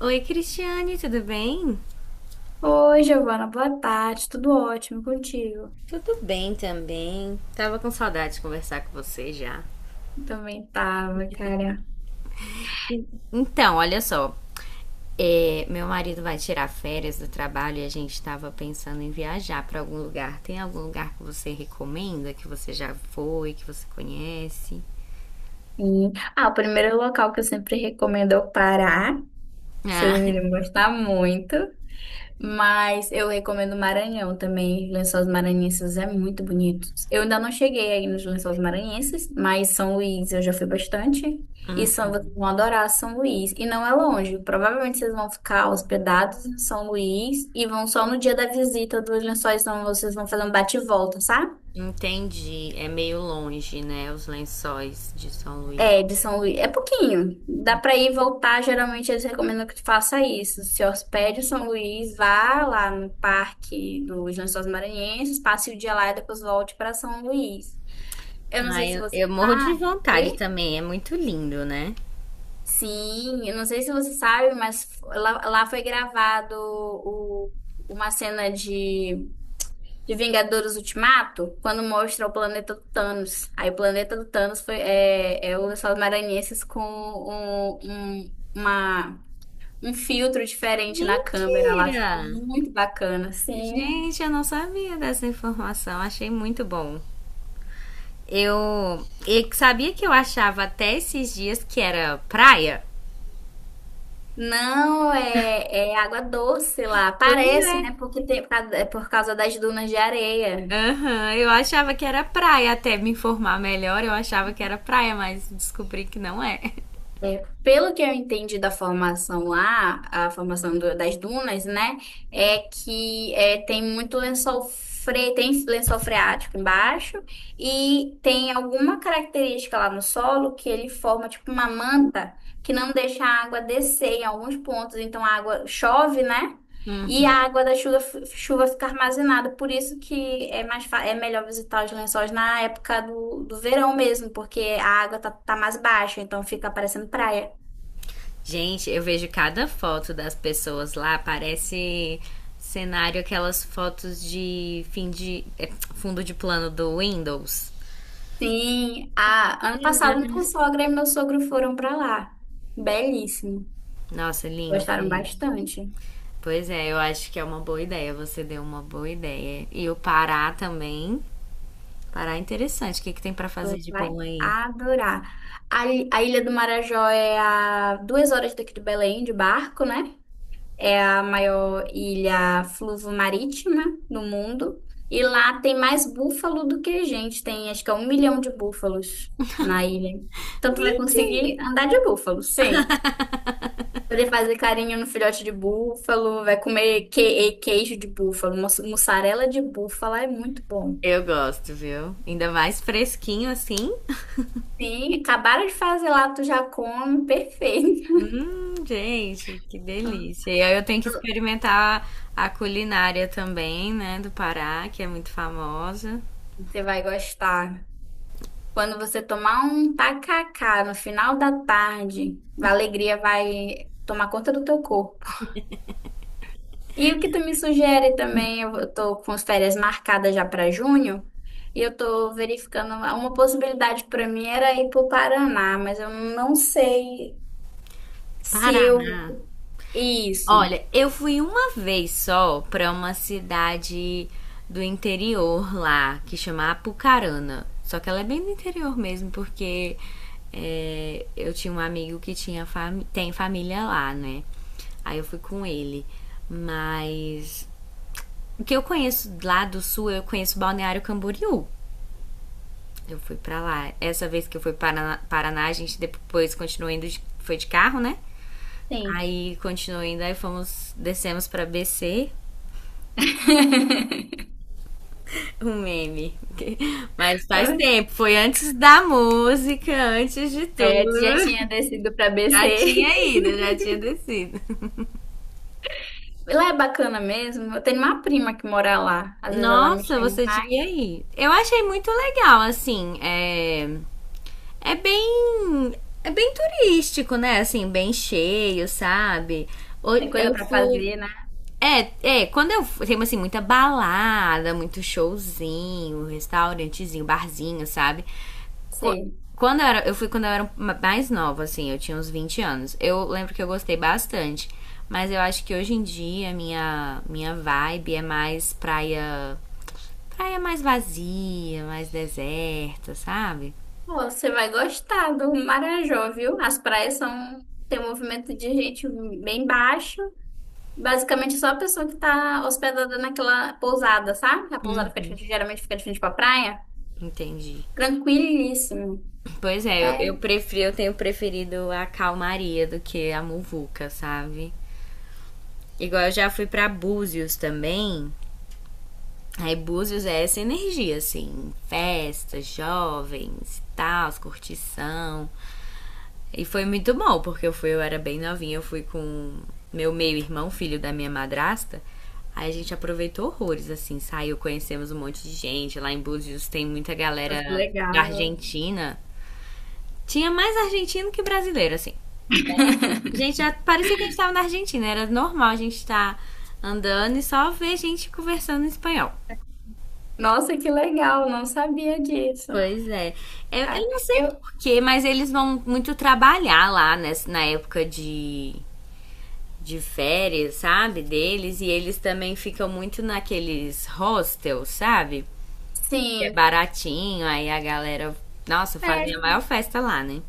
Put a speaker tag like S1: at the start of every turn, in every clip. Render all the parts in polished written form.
S1: Oi, Cristiane, tudo bem?
S2: Oi, Giovana, boa tarde, tudo ótimo contigo?
S1: Tudo bem também. Tava com saudade de conversar com você já.
S2: Também tava, cara.
S1: Então, olha só. Meu marido vai tirar férias do trabalho e a gente tava pensando em viajar pra algum lugar. Tem algum lugar que você recomenda, que você já foi, que você conhece?
S2: E- Ah, o primeiro local que eu sempre recomendo é o Pará. Vocês
S1: Ah,
S2: iriam gostar muito. Mas eu recomendo Maranhão também. Lençóis Maranhenses é muito bonito. Eu ainda não cheguei aí nos Lençóis Maranhenses, mas São Luís eu já fui bastante. E são, vocês vão adorar São Luís. E não é longe. Provavelmente vocês vão ficar hospedados em São Luís e vão só no dia da visita dos lençóis, então vocês vão fazer um bate e volta, sabe?
S1: entendi. É meio longe, né? Os lençóis de São Luís.
S2: É, de São Luís. É pouquinho. Dá pra ir e voltar. Geralmente eles recomendam que tu faça isso. Se hospede em São Luís, vá lá no Parque dos Lençóis Maranhenses, passe o dia lá e depois volte pra São Luís. Eu não
S1: Ah,
S2: sei se
S1: eu,
S2: você
S1: eu morro de
S2: sabe.
S1: vontade
S2: Oi?
S1: também. É muito lindo, né?
S2: Sim, eu não sei se você sabe, mas lá foi gravado uma cena de Vingadores Ultimato, quando mostra o planeta do Thanos. Aí o planeta do Thanos é o lençóis maranhenses com um filtro diferente na câmera lá.
S1: Mentira!
S2: Ficou muito bacana, sim.
S1: Gente, eu não sabia dessa informação. Achei muito bom. Eu, eu sabia que eu achava até esses dias que era praia.
S2: Não, é água doce lá.
S1: Pois
S2: Parece, né?
S1: é.
S2: Porque é por causa das dunas de areia.
S1: Aham, eu achava que era praia, até me informar melhor, eu achava que era praia, mas descobri que não é.
S2: É, pelo que eu entendi da formação lá, a formação das dunas, né, é que é, tem lençol freático embaixo e tem alguma característica lá no solo que ele forma tipo uma manta que não deixa a água descer em alguns pontos, então a água chove, né?
S1: Hum.
S2: E a água da chuva fica armazenada, por isso que é melhor visitar os lençóis na época do verão mesmo, porque a água tá mais baixa, então fica parecendo praia.
S1: Gente, eu vejo cada foto das pessoas lá, parece cenário, aquelas fotos de fim fundo de plano do Windows.
S2: Sim, ano passado minha sogra e meu sogro foram pra lá. Belíssimo.
S1: Nossa, lindo,
S2: Gostaram
S1: gente.
S2: bastante.
S1: Pois é, eu acho que é uma boa ideia. Você deu uma boa ideia. E o Pará também. Pará é interessante. O que tem pra fazer
S2: Tu
S1: de
S2: vai
S1: bom aí?
S2: adorar. A Ilha do Marajó é a 2 horas daqui de Belém, de barco, né? É a maior ilha fluvomarítima marítima do mundo. E lá tem mais búfalo do que gente. Tem acho que é 1 milhão de búfalos na ilha. Então tu vai
S1: Mentira.
S2: conseguir andar de búfalo, sim. Poder fazer carinho no filhote de búfalo, vai comer queijo de búfalo, mussarela de búfalo, é muito bom.
S1: Eu gosto, viu? Ainda mais fresquinho assim.
S2: Sim, acabaram de fazer lá, tu já come, perfeito.
S1: Gente, que delícia. E aí eu tenho que experimentar a culinária também, né, do Pará, que é muito famosa.
S2: Você vai gostar. Quando você tomar um tacacá no final da tarde, a alegria vai tomar conta do teu corpo. E o que tu me sugere também, eu tô com as férias marcadas já para junho, e eu tô verificando uma possibilidade para mim era ir pro Paraná, mas eu não sei se eu
S1: Paraná.
S2: isso.
S1: Olha, eu fui uma vez só pra uma cidade do interior lá, que chama Apucarana. Só que ela é bem do interior mesmo, porque é, eu tinha um amigo que tinha tem família lá, né? Aí eu fui com ele. Mas o que eu conheço lá do sul, eu conheço Balneário Camboriú. Eu fui pra lá. Essa vez que eu fui para Paraná, a gente depois continuou indo, foi de carro, né?
S2: Sim.
S1: Aí continuou indo, aí fomos, descemos pra BC. Um meme. Mas faz tempo, foi antes da música, antes de
S2: É, já
S1: tudo.
S2: tinha descido para
S1: Já
S2: BC.
S1: tinha ido, já tinha descido.
S2: Lá é bacana mesmo. Eu tenho uma prima que mora lá. Às vezes ela me
S1: Nossa,
S2: chama.
S1: você devia ir. Eu achei muito legal, assim, é bem, é bem turístico, né? Assim, bem cheio, sabe? Ho-
S2: Tem coisa
S1: Eu
S2: pra
S1: fui,
S2: fazer, né?
S1: É, é, quando eu tenho assim muita balada, muito showzinho, restaurantezinho, barzinho, sabe? Qu-
S2: Sei.
S1: Quando eu era, eu fui quando eu era mais nova, assim, eu tinha uns 20 anos. Eu lembro que eu gostei bastante, mas eu acho que hoje em dia minha vibe é mais praia, praia mais vazia, mais deserta, sabe?
S2: Pô, você vai gostar do Marajó, viu? As praias são. Tem um movimento de gente bem baixo. Basicamente, é só a pessoa que tá hospedada naquela pousada, sabe? A pousada fica de frente- geralmente fica de frente pra praia.
S1: Entendi.
S2: Tranquilíssimo.
S1: Pois é, eu
S2: É.
S1: prefiro, eu tenho preferido a calmaria do que a muvuca, sabe? Igual eu já fui pra Búzios também. Aí Búzios é essa energia, assim, festas, jovens, tal, curtição. E foi muito bom, porque eu fui, eu era bem novinha, eu fui com meu meio-irmão, filho da minha madrasta. Aí a gente aproveitou horrores, assim, saiu, conhecemos um monte de gente. Lá em Búzios tem muita
S2: Nossa, que
S1: galera da
S2: legal.
S1: Argentina. Tinha mais argentino que brasileiro, assim. Gente, já parecia que a gente estava na Argentina. Era normal a gente estar andando e só ver gente conversando em espanhol.
S2: Nossa, que legal. Não sabia disso.
S1: Pois é. Eu,
S2: Ah,
S1: eu não sei
S2: eu.
S1: porquê, mas eles vão muito trabalhar lá na época de férias, sabe? Deles. E eles também ficam muito naqueles hostels, sabe? Que é
S2: Sim.
S1: baratinho, aí a galera. Nossa, fazem a
S2: É.
S1: maior festa lá, né?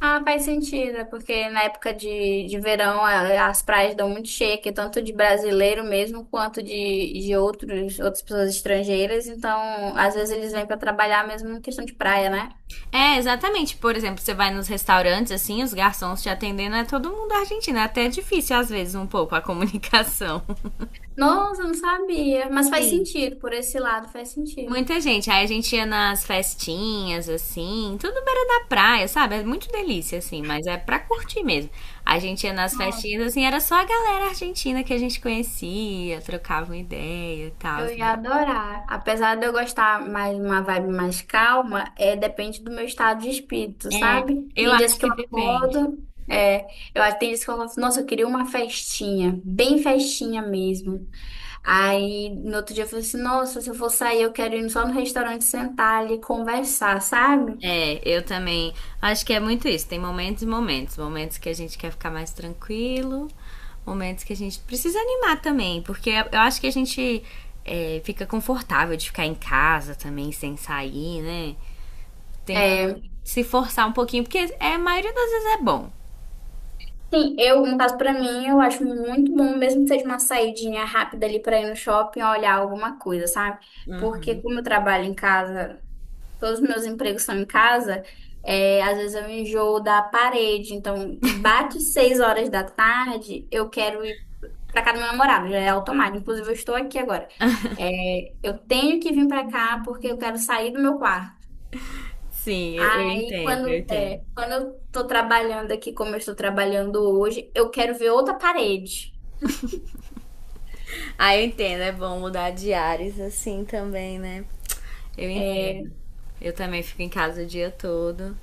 S2: Ah, faz sentido, é porque na época de verão as praias dão muito cheia, aqui, tanto de brasileiro mesmo quanto de outras pessoas estrangeiras. Então, às vezes eles vêm para trabalhar mesmo em questão de praia, né?
S1: É, exatamente. Por exemplo, você vai nos restaurantes, assim, os garçons te atendendo, é todo mundo argentino. É até difícil, às vezes, um pouco a comunicação.
S2: Nossa, eu não sabia, mas faz
S1: Sim.
S2: sentido, por esse lado faz sentido.
S1: Muita gente. Aí a gente ia nas festinhas, assim, tudo beira da praia, sabe? É muito delícia, assim, mas é pra curtir mesmo. A gente ia nas festinhas, assim, era só a galera argentina que a gente conhecia, trocava uma ideia e tal,
S2: Eu ia
S1: sabe?
S2: adorar. Apesar de eu gostar mais uma vibe mais calma, é depende do meu estado de espírito,
S1: É,
S2: sabe?
S1: eu
S2: Tem dias
S1: acho
S2: que
S1: que
S2: eu
S1: depende.
S2: acordo, é, tem dias que eu falo, assim, nossa, eu queria uma festinha, bem festinha mesmo. Aí no outro dia eu falei assim, nossa, se eu for sair, eu quero ir só no restaurante sentar ali e conversar, sabe?
S1: É, eu também acho que é muito isso. Tem momentos e momentos. Momentos que a gente quer ficar mais tranquilo, momentos que a gente precisa animar também, porque eu acho que a gente fica confortável de ficar em casa também, sem sair, né? Tem que
S2: É,
S1: se forçar um pouquinho, porque é, a maioria das vezes é bom.
S2: sim, eu, no caso pra mim, eu acho muito bom, mesmo que seja uma saidinha rápida ali pra ir no shopping olhar alguma coisa, sabe?
S1: Uhum.
S2: Porque como eu trabalho em casa todos os meus empregos são em casa, é, às vezes eu enjoo da parede. Então, bate 6 horas da tarde, eu quero ir pra casa do meu namorado, já é automático. Inclusive, eu estou aqui agora. É, eu tenho que vir pra cá porque eu quero sair do meu quarto.
S1: Sim, eu
S2: Aí,
S1: entendo, eu
S2: quando,
S1: entendo.
S2: é, quando eu tô trabalhando aqui, como eu estou trabalhando hoje, eu quero ver outra parede.
S1: Ah, eu entendo, é bom mudar de ares assim também, né? Eu
S2: É,
S1: entendo. Eu também fico em casa o dia todo.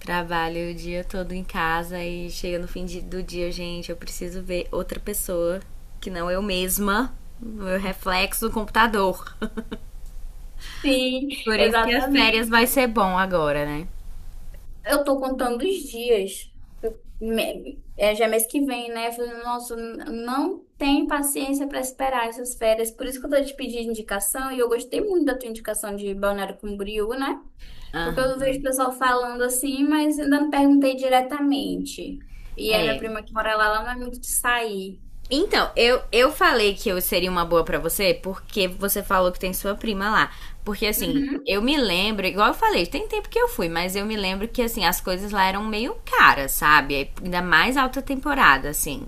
S1: Trabalho o dia todo em casa e chega no do dia, gente, eu preciso ver outra pessoa que não eu mesma, meu reflexo do computador.
S2: sim,
S1: Por isso que as férias vai
S2: exatamente.
S1: ser bom agora, né?
S2: Eu tô contando os dias. É já é mês que vem, né? Eu falei, nossa, não tem paciência para esperar essas férias. Por isso que eu tô te pedindo indicação e eu gostei muito da tua indicação de Balneário Camboriú, né?
S1: Ah,
S2: Porque eu vejo o pessoal falando assim, mas ainda não perguntei diretamente. E a minha
S1: é.
S2: prima que mora lá, ela não é muito de sair.
S1: Então, eu falei que eu seria uma boa pra você porque você falou que tem sua prima lá. Porque assim,
S2: Uhum.
S1: eu me lembro, igual eu falei, tem tempo que eu fui, mas eu me lembro que assim, as coisas lá eram meio caras, sabe? Ainda mais alta temporada, assim.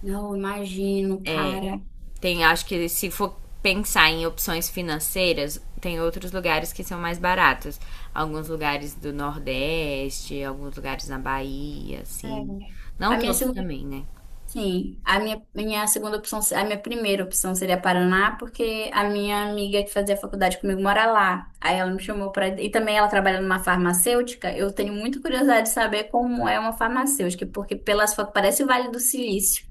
S2: Não, imagino,
S1: É,
S2: cara.
S1: tem, acho que se for pensar em opções financeiras, tem outros lugares que são mais baratos. Alguns lugares do Nordeste, alguns lugares na Bahia,
S2: É.
S1: assim. Não
S2: A minha
S1: todos
S2: segunda
S1: também, né?
S2: Sim, minha segunda opção, a minha primeira opção seria Paraná, porque a minha amiga que fazia faculdade comigo mora lá. Aí ela me chamou para e também ela trabalha numa farmacêutica. Eu tenho muita curiosidade de saber como é uma farmacêutica, porque pelas fotos parece o Vale do Silício.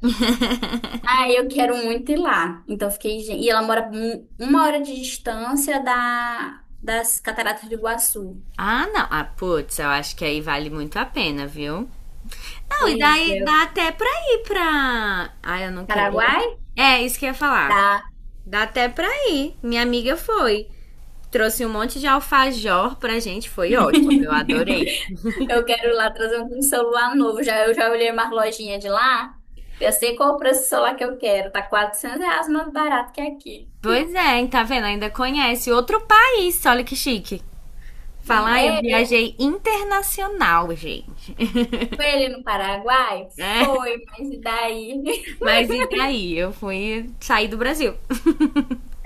S2: Ah, eu quero muito ir lá. Então fiquei, "Gen-" e ela mora 1 hora de distância da das Cataratas do Iguaçu.
S1: Ah, não. Ah, putz, eu acho que aí vale muito a pena, viu? Não, e
S2: Pois
S1: daí
S2: é,
S1: dá até pra ir pra. Ah, eu não quero.
S2: Paraguai?
S1: É, isso que eu ia falar.
S2: Tá.
S1: Dá até pra ir. Minha amiga foi. Trouxe um monte de alfajor pra gente, foi ótimo. Eu adorei.
S2: Eu quero lá trazer um celular novo. Já, eu já olhei umas lojinhas de lá. Eu sei qual o preço do celular que eu quero. Tá R$ 400 mais barato que aqui.
S1: Pois é, hein, tá vendo? Ainda conhece outro país, olha que chique.
S2: Não
S1: Falar, eu
S2: é?
S1: viajei internacional, gente.
S2: Foi ele no Paraguai?
S1: Né?
S2: Foi, mas e daí?
S1: Mas e daí? Eu fui sair do Brasil.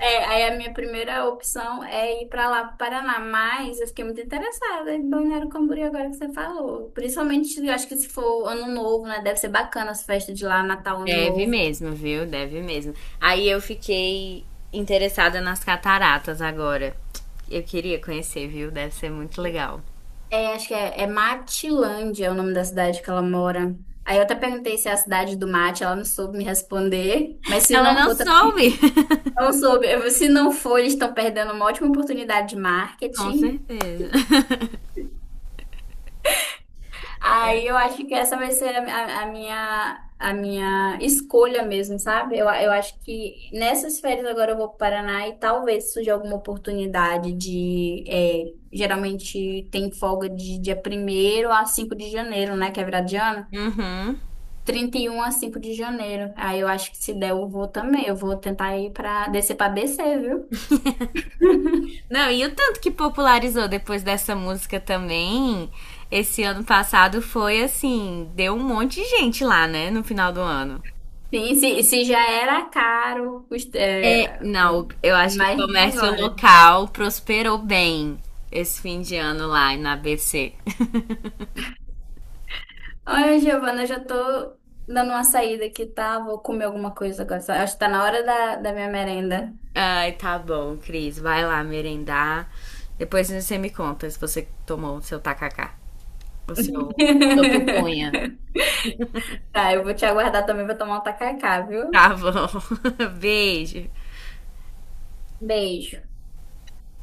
S2: É, aí a minha primeira opção é ir pra lá, pro Paraná. Mas eu fiquei muito interessada em Balneário Camboriú agora que você falou. Principalmente, eu acho que se for ano novo, né? Deve ser bacana as festas de lá, Natal, ano
S1: Deve
S2: novo.
S1: mesmo, viu? Deve mesmo. Aí eu fiquei interessada nas cataratas agora. Eu queria conhecer, viu? Deve ser muito legal.
S2: É, acho que é, é Matilândia é o nome da cidade que ela mora. Aí eu até perguntei se é a cidade do mate, ela não soube me responder. Mas se
S1: Ela
S2: não
S1: não
S2: for, também
S1: soube.
S2: não soube. Eu- Se não for, eles estão perdendo uma ótima oportunidade de
S1: Com
S2: marketing.
S1: certeza.
S2: Aí eu acho que essa vai ser a minha escolha mesmo, sabe? Eu acho que nessas férias agora eu vou para o Paraná e talvez surja alguma oportunidade de. É, geralmente tem folga de dia 1º a 5 de janeiro, né? Que é virada de ano.
S1: Uhum.
S2: 31 a 5 de janeiro. Aí eu acho que se der, eu vou também. Eu vou tentar ir pra descer, viu?
S1: Não, e o tanto que popularizou depois dessa música também, esse ano passado foi assim, deu um monte de gente lá, né, no final do ano.
S2: Sim, se já era caro,
S1: É, não, eu acho que o
S2: imagine
S1: comércio
S2: agora.
S1: local prosperou bem esse fim de ano lá na ABC.
S2: Olha, Giovana, eu já tô dando uma saída aqui, tá? Vou comer alguma coisa agora. Só- Acho que tá na hora da minha merenda.
S1: Ai, tá bom, Cris, vai lá merendar. Depois você me conta se você tomou o seu tacacá, o seu, sua pupunha.
S2: Tá, eu vou te aguardar também, vou tomar um tacacá, viu?
S1: Tá bom. Beijo.
S2: Beijo.